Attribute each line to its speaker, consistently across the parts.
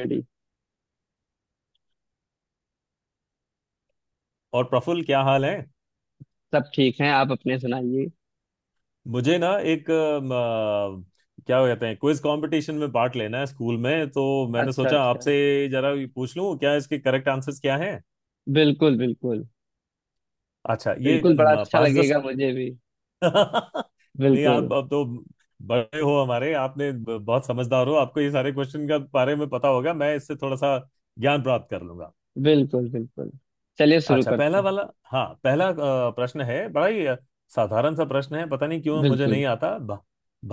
Speaker 1: Ready.
Speaker 2: और प्रफुल्ल, क्या हाल है।
Speaker 1: सब ठीक हैं। आप अपने सुनाइए।
Speaker 2: मुझे ना, एक क्या कहते हैं, क्विज कंपटीशन में पार्ट लेना है स्कूल में। तो मैंने
Speaker 1: अच्छा
Speaker 2: सोचा
Speaker 1: अच्छा।
Speaker 2: आपसे जरा ये पूछ लूं, क्या इसके करेक्ट आंसर्स क्या हैं।
Speaker 1: बिल्कुल बिल्कुल।
Speaker 2: अच्छा, ये
Speaker 1: बिल्कुल। बड़ा अच्छा
Speaker 2: पाँच
Speaker 1: लगेगा
Speaker 2: 10।
Speaker 1: मुझे भी।
Speaker 2: नहीं,
Speaker 1: बिल्कुल।
Speaker 2: आप अब तो बड़े हो हमारे, आपने बहुत समझदार हो, आपको ये सारे क्वेश्चन का बारे में पता होगा, मैं इससे थोड़ा सा ज्ञान प्राप्त कर लूंगा।
Speaker 1: बिल्कुल। बिल्कुल चलिए शुरू
Speaker 2: अच्छा,
Speaker 1: करते
Speaker 2: पहला
Speaker 1: हैं।
Speaker 2: वाला। हाँ, पहला प्रश्न है, बड़ा ही साधारण सा प्रश्न है, पता नहीं क्यों मुझे
Speaker 1: बिल्कुल।
Speaker 2: नहीं आता।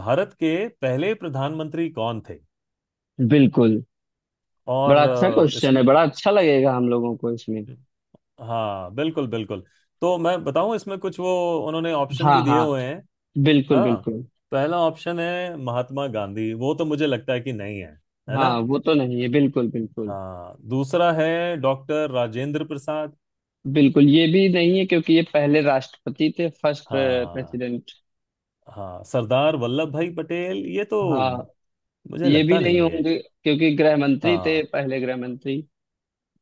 Speaker 2: भारत के पहले प्रधानमंत्री कौन थे।
Speaker 1: बिल्कुल।
Speaker 2: और
Speaker 1: बड़ा अच्छा क्वेश्चन
Speaker 2: इसमें।
Speaker 1: है। बड़ा अच्छा लगेगा हम लोगों को इसमें।
Speaker 2: हाँ, बिल्कुल बिल्कुल। तो मैं बताऊं, इसमें कुछ वो उन्होंने ऑप्शन
Speaker 1: हाँ
Speaker 2: भी दिए
Speaker 1: हाँ।
Speaker 2: हुए हैं।
Speaker 1: बिल्कुल
Speaker 2: हाँ,
Speaker 1: बिल्कुल।
Speaker 2: पहला ऑप्शन है महात्मा गांधी, वो तो मुझे लगता है कि नहीं है, है
Speaker 1: हाँ,
Speaker 2: ना।
Speaker 1: वो तो नहीं है। बिल्कुल बिल्कुल।
Speaker 2: हाँ, दूसरा है डॉक्टर राजेंद्र प्रसाद।
Speaker 1: बिल्कुल। ये भी नहीं है क्योंकि ये पहले राष्ट्रपति थे, फर्स्ट
Speaker 2: हाँ
Speaker 1: प्रेसिडेंट।
Speaker 2: हाँ, सरदार वल्लभ भाई पटेल, ये तो
Speaker 1: हाँ।
Speaker 2: मुझे
Speaker 1: ये भी
Speaker 2: लगता
Speaker 1: नहीं
Speaker 2: नहीं है।
Speaker 1: होंगे क्योंकि गृह मंत्री थे,
Speaker 2: हाँ,
Speaker 1: पहले गृह मंत्री।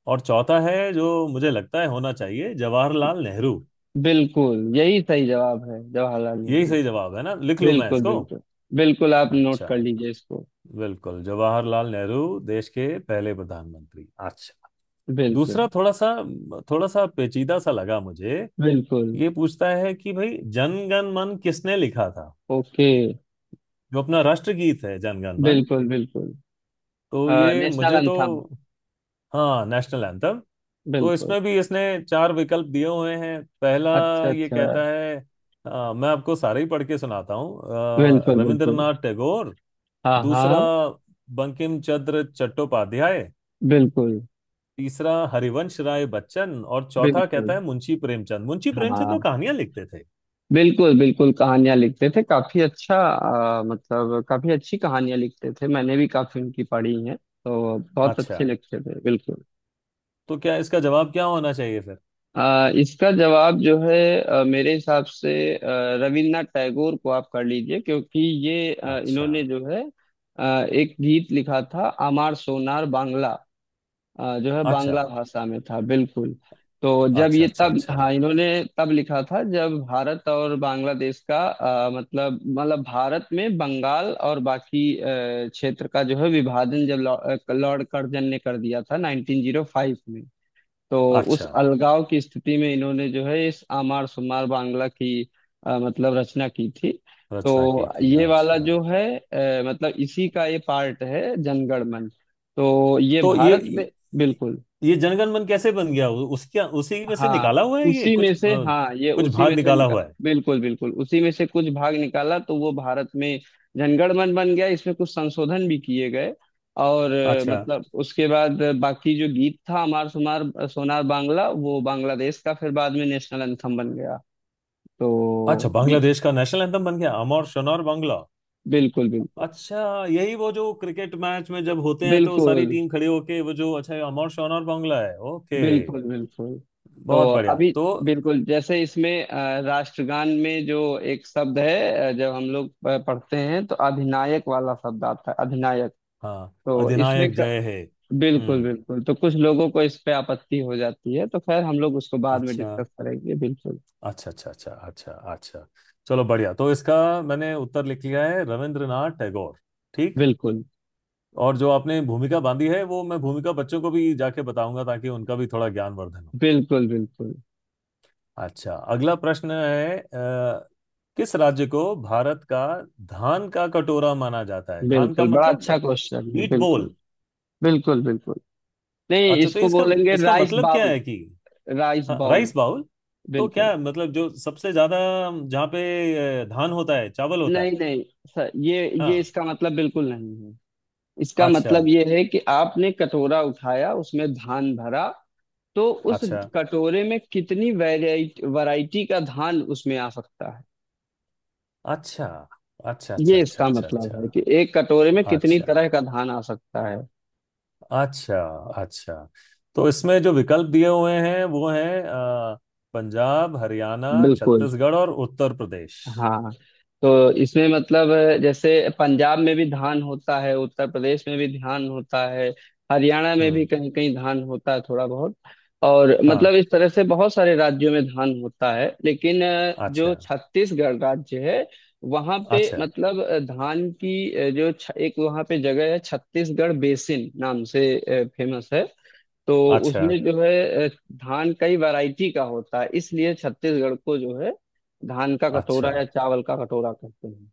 Speaker 2: और चौथा है जो मुझे लगता है होना चाहिए, जवाहरलाल नेहरू।
Speaker 1: बिल्कुल यही सही जवाब है, जवाहरलाल
Speaker 2: यही
Speaker 1: नेहरू।
Speaker 2: सही जवाब है ना, लिख लूं मैं
Speaker 1: बिल्कुल
Speaker 2: इसको।
Speaker 1: बिल्कुल। बिल्कुल आप नोट
Speaker 2: अच्छा,
Speaker 1: कर लीजिए इसको।
Speaker 2: बिल्कुल जवाहरलाल नेहरू, देश के पहले प्रधानमंत्री। अच्छा।
Speaker 1: बिल्कुल
Speaker 2: दूसरा थोड़ा सा, थोड़ा सा पेचीदा सा लगा मुझे।
Speaker 1: बिल्कुल।
Speaker 2: ये पूछता है कि भाई, जन गण मन किसने लिखा था,
Speaker 1: ओके।
Speaker 2: जो अपना राष्ट्रगीत है, जन गण मन।
Speaker 1: बिल्कुल बिल्कुल।
Speaker 2: तो ये
Speaker 1: नेशनल
Speaker 2: मुझे तो,
Speaker 1: अंथम।
Speaker 2: हाँ, नेशनल एंथम। तो
Speaker 1: बिल्कुल।
Speaker 2: इसमें भी इसने चार विकल्प दिए हुए हैं। पहला
Speaker 1: अच्छा
Speaker 2: ये
Speaker 1: अच्छा।
Speaker 2: कहता है, मैं आपको सारे ही पढ़ के सुनाता हूँ,
Speaker 1: बिल्कुल बिल्कुल।
Speaker 2: रविंद्रनाथ टैगोर।
Speaker 1: हाँ
Speaker 2: दूसरा,
Speaker 1: हाँ।
Speaker 2: बंकिम चंद्र चट्टोपाध्याय।
Speaker 1: बिल्कुल
Speaker 2: तीसरा, हरिवंश राय बच्चन, और चौथा
Speaker 1: बिल्कुल।
Speaker 2: कहता है मुंशी प्रेमचंद। मुंशी प्रेमचंद तो
Speaker 1: हाँ।
Speaker 2: कहानियां लिखते थे।
Speaker 1: बिल्कुल बिल्कुल कहानियां लिखते थे, काफी अच्छा। मतलब काफी अच्छी कहानियां लिखते थे। मैंने भी काफी उनकी पढ़ी हैं तो बहुत
Speaker 2: अच्छा,
Speaker 1: अच्छे लिखते थे। बिल्कुल।
Speaker 2: तो क्या, इसका जवाब क्या होना चाहिए फिर।
Speaker 1: इसका जवाब जो है, मेरे हिसाब से, रविन्द्रनाथ टैगोर को आप कर लीजिए, क्योंकि ये,
Speaker 2: अच्छा
Speaker 1: इन्होंने जो है, एक गीत लिखा था, आमार सोनार बांग्ला, जो है
Speaker 2: अच्छा
Speaker 1: बांग्ला भाषा में था। बिल्कुल। तो जब
Speaker 2: अच्छा
Speaker 1: ये,
Speaker 2: अच्छा
Speaker 1: तब
Speaker 2: अच्छा
Speaker 1: हाँ, इन्होंने तब लिखा था जब भारत और बांग्लादेश का, मतलब भारत में बंगाल और बाकी क्षेत्र का जो है विभाजन जब लॉर्ड लॉर्ड कर्जन ने कर दिया था 1905 में। तो उस
Speaker 2: अच्छा,
Speaker 1: अलगाव की स्थिति में इन्होंने जो है इस आमार सुमार बांग्ला की मतलब रचना की थी।
Speaker 2: रचना की
Speaker 1: तो
Speaker 2: थी।
Speaker 1: ये वाला
Speaker 2: अच्छा,
Speaker 1: जो है, मतलब इसी का ये पार्ट है, जनगण मन। तो ये
Speaker 2: तो
Speaker 1: भारत में। बिल्कुल।
Speaker 2: ये जनगण मन कैसे बन गया, उसके उसी में से
Speaker 1: हाँ,
Speaker 2: निकाला हुआ है ये,
Speaker 1: उसी
Speaker 2: कुछ
Speaker 1: में से। हाँ, ये
Speaker 2: कुछ
Speaker 1: उसी
Speaker 2: भाग
Speaker 1: में से
Speaker 2: निकाला
Speaker 1: निकाल।
Speaker 2: हुआ है।
Speaker 1: बिल्कुल बिल्कुल। उसी में से कुछ भाग निकाला तो वो भारत में जनगणमन बन गया। इसमें कुछ संशोधन भी किए गए। और
Speaker 2: अच्छा
Speaker 1: मतलब उसके बाद बाकी जो गीत था अमार सुमार सोनार बांग्ला, वो बांग्लादेश का फिर बाद में नेशनल एंथम बन गया। तो
Speaker 2: अच्छा,
Speaker 1: ये।
Speaker 2: बांग्लादेश का नेशनल एंथम बन गया अमर शनौर बांग्ला।
Speaker 1: बिल्कुल। बिल्कुल।
Speaker 2: अच्छा, यही वो जो क्रिकेट मैच में जब होते हैं तो सारी
Speaker 1: बिल्कुल।
Speaker 2: टीम खड़ी होके वो जो, अच्छा ये अमर शनौर बांग्ला है, ओके।
Speaker 1: बिल्कुल। बिल्कुल। तो
Speaker 2: बहुत बढ़िया
Speaker 1: अभी।
Speaker 2: तो,
Speaker 1: बिल्कुल जैसे इसमें, राष्ट्रगान में जो एक शब्द है, जब हम लोग पढ़ते हैं तो अधिनायक वाला शब्द आता है, अधिनायक।
Speaker 2: हाँ,
Speaker 1: तो इसमें
Speaker 2: अधिनायक
Speaker 1: क...
Speaker 2: जय हे।
Speaker 1: बिल्कुल
Speaker 2: हम्म।
Speaker 1: बिल्कुल। तो कुछ लोगों को इस पे आपत्ति हो जाती है, तो खैर हम लोग उसको बाद में
Speaker 2: अच्छा
Speaker 1: डिस्कस करेंगे। बिल्कुल।
Speaker 2: अच्छा अच्छा अच्छा अच्छा अच्छा, चलो बढ़िया तो इसका मैंने उत्तर लिख लिया है, रविंद्रनाथ टैगोर। ठीक।
Speaker 1: बिल्कुल।
Speaker 2: और जो आपने भूमिका बांधी है वो मैं भूमिका बच्चों को भी जाके बताऊंगा ताकि उनका भी थोड़ा ज्ञानवर्धन हो।
Speaker 1: बिल्कुल। बिल्कुल।
Speaker 2: अच्छा, अगला प्रश्न है। किस राज्य को भारत का धान का कटोरा माना जाता है, धान का
Speaker 1: बिल्कुल बड़ा अच्छा
Speaker 2: मतलब
Speaker 1: क्वेश्चन है।
Speaker 2: वीट
Speaker 1: बिल्कुल
Speaker 2: बोल।
Speaker 1: बिल्कुल। बिल्कुल। नहीं,
Speaker 2: अच्छा, तो
Speaker 1: इसको
Speaker 2: इसका,
Speaker 1: बोलेंगे राइस
Speaker 2: मतलब क्या
Speaker 1: बाउल।
Speaker 2: है कि,
Speaker 1: राइस
Speaker 2: हाँ,
Speaker 1: बाउल।
Speaker 2: Rice bowl. तो क्या
Speaker 1: बिल्कुल।
Speaker 2: है? मतलब जो सबसे ज्यादा, जहाँ पे धान होता है, चावल होता
Speaker 1: नहीं
Speaker 2: है।
Speaker 1: नहीं सर, ये
Speaker 2: हाँ।
Speaker 1: इसका मतलब बिल्कुल नहीं है। इसका
Speaker 2: अच्छा
Speaker 1: मतलब ये है कि आपने कटोरा उठाया, उसमें धान भरा। तो उस
Speaker 2: अच्छा
Speaker 1: कटोरे में कितनी वैरायटी वैरायटी का धान उसमें आ सकता है।
Speaker 2: अच्छा अच्छा अच्छा
Speaker 1: ये
Speaker 2: अच्छा
Speaker 1: इसका
Speaker 2: अच्छा
Speaker 1: मतलब है कि
Speaker 2: अच्छा
Speaker 1: एक कटोरे में कितनी
Speaker 2: अच्छा
Speaker 1: तरह का धान आ सकता है।
Speaker 2: अच्छा अच्छा। तो इसमें जो विकल्प दिए हुए हैं वो हैं, पंजाब, हरियाणा,
Speaker 1: बिल्कुल।
Speaker 2: छत्तीसगढ़ और उत्तर प्रदेश।
Speaker 1: हाँ। तो इसमें मतलब, जैसे पंजाब में भी धान होता है, उत्तर प्रदेश में भी धान होता है। हरियाणा में भी
Speaker 2: हम्म।
Speaker 1: कहीं कहीं धान होता है, थोड़ा बहुत। और
Speaker 2: हाँ।
Speaker 1: मतलब इस तरह से बहुत सारे राज्यों में धान होता है, लेकिन जो
Speaker 2: अच्छा
Speaker 1: छत्तीसगढ़ राज्य है, वहाँ पे
Speaker 2: अच्छा
Speaker 1: मतलब धान की, जो एक वहाँ पे जगह है छत्तीसगढ़ बेसिन नाम से, फेमस है। तो
Speaker 2: अच्छा
Speaker 1: उसमें जो है, धान कई वैरायटी का होता है, इसलिए छत्तीसगढ़ को जो है धान का कटोरा
Speaker 2: अच्छा
Speaker 1: या चावल का कटोरा कहते हैं।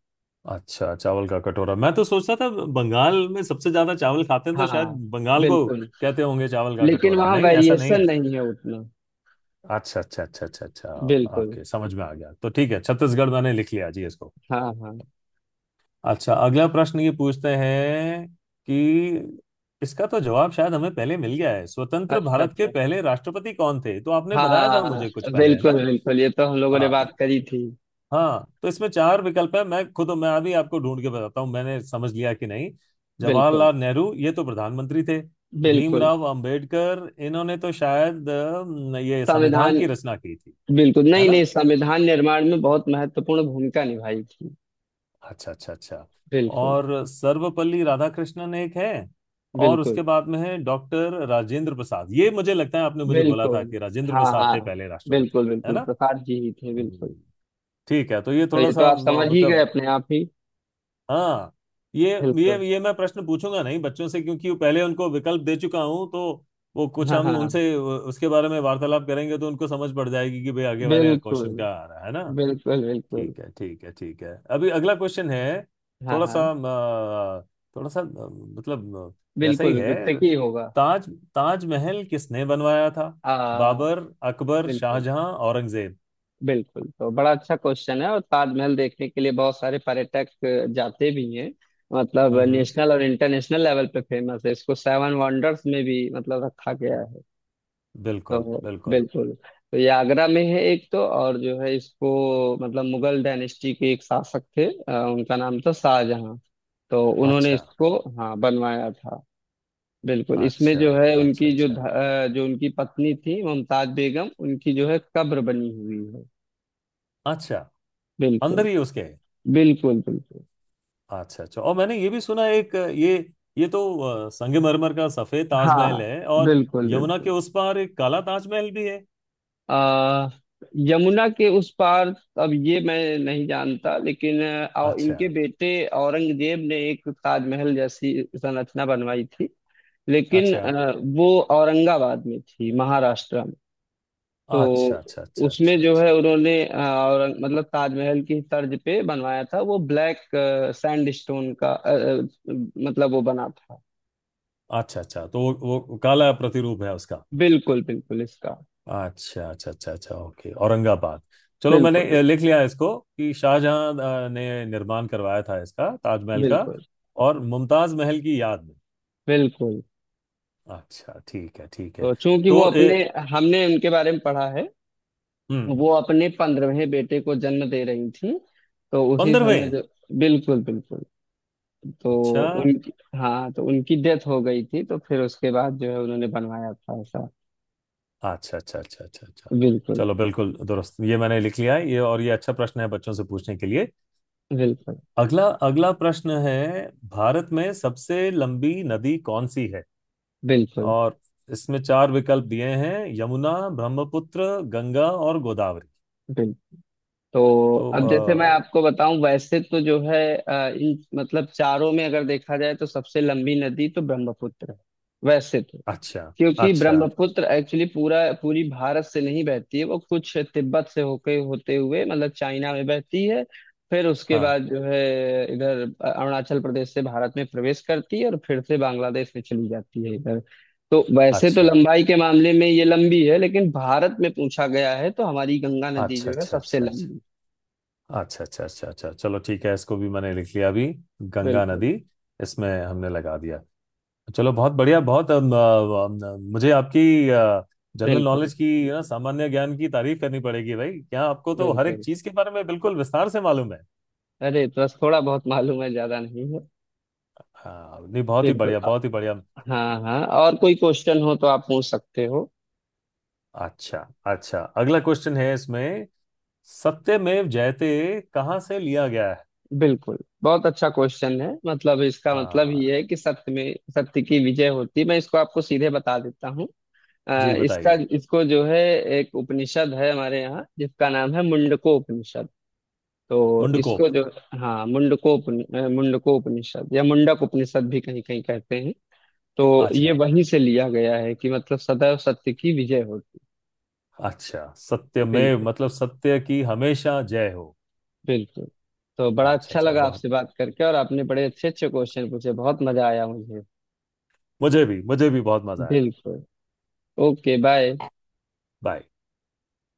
Speaker 2: अच्छा, चावल का कटोरा मैं तो सोचता था बंगाल में सबसे ज्यादा चावल खाते हैं, तो
Speaker 1: हाँ।
Speaker 2: शायद बंगाल को
Speaker 1: बिल्कुल।
Speaker 2: कहते होंगे चावल का
Speaker 1: लेकिन
Speaker 2: कटोरा,
Speaker 1: वहाँ
Speaker 2: नहीं ऐसा नहीं
Speaker 1: वेरिएशन
Speaker 2: है।
Speaker 1: नहीं है उतना।
Speaker 2: अच्छा अच्छा अच्छा अच्छा अच्छा,
Speaker 1: बिल्कुल।
Speaker 2: ओके समझ में आ गया, तो ठीक है, छत्तीसगढ़ मैंने लिख लिया जी इसको।
Speaker 1: हाँ हाँ।
Speaker 2: अच्छा, अगला प्रश्न ये पूछते हैं कि, इसका तो जवाब शायद हमें पहले मिल गया है, स्वतंत्र
Speaker 1: अच्छा
Speaker 2: भारत के
Speaker 1: अच्छा।
Speaker 2: पहले राष्ट्रपति कौन थे, तो आपने बताया था
Speaker 1: हाँ।
Speaker 2: मुझे कुछ पहले, है ना।
Speaker 1: बिल्कुल बिल्कुल। ये तो हम लोगों ने
Speaker 2: हाँ
Speaker 1: बात करी थी।
Speaker 2: हाँ, तो इसमें चार विकल्प है, मैं खुद मैं अभी आपको ढूंढ के बताता हूँ, मैंने समझ लिया कि नहीं।
Speaker 1: बिल्कुल।
Speaker 2: जवाहरलाल नेहरू, ये तो प्रधानमंत्री थे।
Speaker 1: बिल्कुल।
Speaker 2: भीमराव अंबेडकर, इन्होंने तो शायद ये संविधान
Speaker 1: संविधान।
Speaker 2: की रचना की थी,
Speaker 1: बिल्कुल।
Speaker 2: है
Speaker 1: नहीं नहीं,
Speaker 2: ना।
Speaker 1: संविधान निर्माण में बहुत महत्वपूर्ण भूमिका निभाई थी।
Speaker 2: अच्छा अच्छा अच्छा।
Speaker 1: बिल्कुल।
Speaker 2: और सर्वपल्ली राधाकृष्णन एक है, और उसके
Speaker 1: बिल्कुल।
Speaker 2: बाद में है डॉक्टर राजेंद्र प्रसाद। ये मुझे लगता है आपने मुझे बोला
Speaker 1: बिल्कुल।
Speaker 2: था कि राजेंद्र
Speaker 1: हाँ
Speaker 2: प्रसाद
Speaker 1: हाँ।
Speaker 2: थे पहले राष्ट्रपति,
Speaker 1: बिल्कुल
Speaker 2: है
Speaker 1: बिल्कुल
Speaker 2: ना।
Speaker 1: प्रसाद जी ही थे। बिल्कुल।
Speaker 2: हम्म। ठीक है, तो ये
Speaker 1: तो
Speaker 2: थोड़ा
Speaker 1: ये तो
Speaker 2: सा,
Speaker 1: आप समझ ही गए
Speaker 2: मतलब,
Speaker 1: अपने आप ही।
Speaker 2: हाँ। ये
Speaker 1: बिल्कुल।
Speaker 2: ये मैं प्रश्न पूछूंगा नहीं बच्चों से क्योंकि वो पहले उनको विकल्प दे चुका हूं, तो वो कुछ,
Speaker 1: हाँ
Speaker 2: हम
Speaker 1: हाँ।
Speaker 2: उनसे उसके बारे में वार्तालाप करेंगे तो उनको समझ पड़ जाएगी कि भाई आगे वाले
Speaker 1: बिल्कुल।
Speaker 2: क्वेश्चन क्या आ रहा है ना।
Speaker 1: बिल्कुल। बिल्कुल।
Speaker 2: ठीक है ठीक है ठीक है। अभी अगला क्वेश्चन है,
Speaker 1: हाँ
Speaker 2: थोड़ा सा
Speaker 1: हाँ।
Speaker 2: थोड़ा सा मतलब वैसा
Speaker 1: बिल्कुल
Speaker 2: ही
Speaker 1: बिल्कुल
Speaker 2: है।
Speaker 1: tricky होगा।
Speaker 2: ताज ताजमहल किसने बनवाया था,
Speaker 1: आ
Speaker 2: बाबर, अकबर,
Speaker 1: बिल्कुल।
Speaker 2: शाहजहां, औरंगजेब।
Speaker 1: बिल्कुल। तो बड़ा अच्छा क्वेश्चन है, और ताजमहल देखने के लिए बहुत सारे पर्यटक जाते भी हैं। मतलब
Speaker 2: हम्म हम्म,
Speaker 1: नेशनल और इंटरनेशनल लेवल पे फेमस है, इसको सेवन वंडर्स में भी मतलब रखा गया है। हाँ।
Speaker 2: बिल्कुल बिल्कुल।
Speaker 1: बिल्कुल। तो ये आगरा में है एक तो। और जो है इसको, मतलब मुगल डायनेस्टी के एक शासक थे, उनका नाम था शाहजहां। तो उन्होंने
Speaker 2: अच्छा
Speaker 1: इसको, हाँ, बनवाया था। बिल्कुल। इसमें
Speaker 2: अच्छा
Speaker 1: जो है,
Speaker 2: अच्छा
Speaker 1: उनकी जो
Speaker 2: अच्छा
Speaker 1: जो उनकी पत्नी थी मुमताज बेगम, उनकी जो है कब्र बनी हुई है।
Speaker 2: अच्छा, अंदर
Speaker 1: बिल्कुल।
Speaker 2: ही उसके।
Speaker 1: बिल्कुल। बिल्कुल।
Speaker 2: अच्छा अच्छा, और मैंने ये भी सुना एक, ये तो संगमरमर का सफेद ताजमहल
Speaker 1: हाँ।
Speaker 2: है, और
Speaker 1: बिल्कुल
Speaker 2: यमुना के
Speaker 1: बिल्कुल।
Speaker 2: उस पार एक काला ताजमहल भी है।
Speaker 1: आ, यमुना के उस पार, अब ये मैं नहीं जानता, लेकिन और
Speaker 2: अच्छा
Speaker 1: इनके बेटे औरंगजेब ने एक ताजमहल जैसी संरचना बनवाई थी। लेकिन
Speaker 2: अच्छा
Speaker 1: वो औरंगाबाद में थी, महाराष्ट्र में। तो
Speaker 2: अच्छा अच्छा अच्छा
Speaker 1: उसमें
Speaker 2: अच्छा
Speaker 1: जो है
Speaker 2: अच्छा
Speaker 1: उन्होंने, औरंग मतलब ताजमहल की तर्ज पे बनवाया था वो, ब्लैक सैंड स्टोन का, मतलब वो बना था।
Speaker 2: अच्छा अच्छा, तो वो काला प्रतिरूप है उसका।
Speaker 1: बिल्कुल बिल्कुल इसका।
Speaker 2: अच्छा अच्छा अच्छा अच्छा, ओके, औरंगाबाद। चलो, मैंने
Speaker 1: बिल्कुल।
Speaker 2: लिख लिया इसको कि शाहजहां ने निर्माण करवाया था इसका, ताजमहल का,
Speaker 1: बिल्कुल।
Speaker 2: और मुमताज महल की याद में।
Speaker 1: बिल्कुल।
Speaker 2: अच्छा ठीक है ठीक है।
Speaker 1: तो चूंकि वो
Speaker 2: तो
Speaker 1: अपने, हमने उनके बारे में पढ़ा है,
Speaker 2: हम्म।
Speaker 1: वो अपने पंद्रहवें बेटे को जन्म दे रही थी, तो उसी
Speaker 2: 15वें
Speaker 1: समय
Speaker 2: हैं।
Speaker 1: जो। बिल्कुल बिल्कुल। तो
Speaker 2: अच्छा
Speaker 1: उनकी, हाँ, तो उनकी डेथ हो गई थी, तो फिर उसके बाद जो है उन्होंने बनवाया था ऐसा।
Speaker 2: अच्छा अच्छा अच्छा अच्छा अच्छा,
Speaker 1: बिल्कुल।
Speaker 2: चलो बिल्कुल दुरुस्त, ये मैंने लिख लिया है ये, और ये अच्छा प्रश्न है बच्चों से पूछने के लिए।
Speaker 1: बिल्कुल।
Speaker 2: अगला अगला प्रश्न है, भारत में सबसे लंबी नदी कौन सी है।
Speaker 1: बिल्कुल।
Speaker 2: और इसमें चार विकल्प दिए हैं, यमुना, ब्रह्मपुत्र, गंगा और गोदावरी।
Speaker 1: बिल्कुल। तो अब जैसे मैं
Speaker 2: तो
Speaker 1: आपको बताऊं, वैसे तो जो है, इन मतलब चारों में अगर देखा जाए तो सबसे लंबी नदी तो ब्रह्मपुत्र है। वैसे तो।
Speaker 2: अच्छा।
Speaker 1: क्योंकि
Speaker 2: अच्छा
Speaker 1: ब्रह्मपुत्र एक्चुअली पूरा पूरी भारत से नहीं बहती है, वो कुछ तिब्बत से होके होते हुए मतलब चाइना में बहती है। फिर उसके
Speaker 2: हाँ।
Speaker 1: बाद जो है इधर अरुणाचल प्रदेश से भारत में प्रवेश करती है और फिर से बांग्लादेश में चली जाती है इधर। तो वैसे तो
Speaker 2: अच्छा
Speaker 1: लंबाई के मामले में ये लंबी है, लेकिन भारत में पूछा गया है तो हमारी गंगा नदी
Speaker 2: अच्छा
Speaker 1: जो है
Speaker 2: अच्छा
Speaker 1: सबसे
Speaker 2: अच्छा
Speaker 1: लंबी।
Speaker 2: अच्छा अच्छा अच्छा अच्छा अच्छा, चलो ठीक है, इसको भी मैंने लिख लिया अभी, गंगा
Speaker 1: बिल्कुल।
Speaker 2: नदी इसमें हमने लगा दिया। चलो बहुत बढ़िया। बहुत अम, अम, अम, मुझे आपकी जनरल
Speaker 1: बिल्कुल।
Speaker 2: नॉलेज की ना, सामान्य ज्ञान की तारीफ करनी पड़ेगी भाई, क्या आपको तो हर एक
Speaker 1: बिल्कुल।
Speaker 2: चीज के बारे में बिल्कुल विस्तार से मालूम है।
Speaker 1: अरे तो बस थोड़ा बहुत मालूम है, ज्यादा नहीं है।
Speaker 2: हाँ नहीं, बहुत ही
Speaker 1: बिल्कुल।
Speaker 2: बढ़िया, बहुत ही बढ़िया।
Speaker 1: हाँ हाँ, और कोई क्वेश्चन हो तो आप पूछ सकते हो।
Speaker 2: अच्छा अच्छा, अगला क्वेश्चन है इसमें, सत्यमेव जयते कहाँ से लिया गया है।
Speaker 1: बिल्कुल। बहुत अच्छा क्वेश्चन है। मतलब इसका मतलब ये
Speaker 2: हाँ,
Speaker 1: है कि सत्य में सत्य की विजय होती है। मैं इसको आपको सीधे बता देता हूँ।
Speaker 2: जी
Speaker 1: इसका
Speaker 2: बताइए।
Speaker 1: इसको जो है, एक उपनिषद है हमारे यहाँ जिसका नाम है मुंडको उपनिषद। तो
Speaker 2: मुंडकोप।
Speaker 1: इसको जो, हाँ, मुंडको, मुंडको उपनिषद या मुंडक उपनिषद भी कहीं कहीं कहते हैं। तो ये
Speaker 2: अच्छा,
Speaker 1: वहीं से लिया गया है कि मतलब सदैव सत्य की विजय होती
Speaker 2: अच्छा
Speaker 1: है।
Speaker 2: सत्यमेव
Speaker 1: बिल्कुल।
Speaker 2: मतलब सत्य की हमेशा जय हो।
Speaker 1: बिल्कुल। तो बड़ा
Speaker 2: अच्छा
Speaker 1: अच्छा
Speaker 2: अच्छा,
Speaker 1: लगा
Speaker 2: बहुत,
Speaker 1: आपसे बात करके, और आपने बड़े अच्छे अच्छे क्वेश्चन पूछे, बहुत मजा आया मुझे।
Speaker 2: मुझे भी बहुत मजा आया।
Speaker 1: बिल्कुल। ओके। बाय।
Speaker 2: बाय।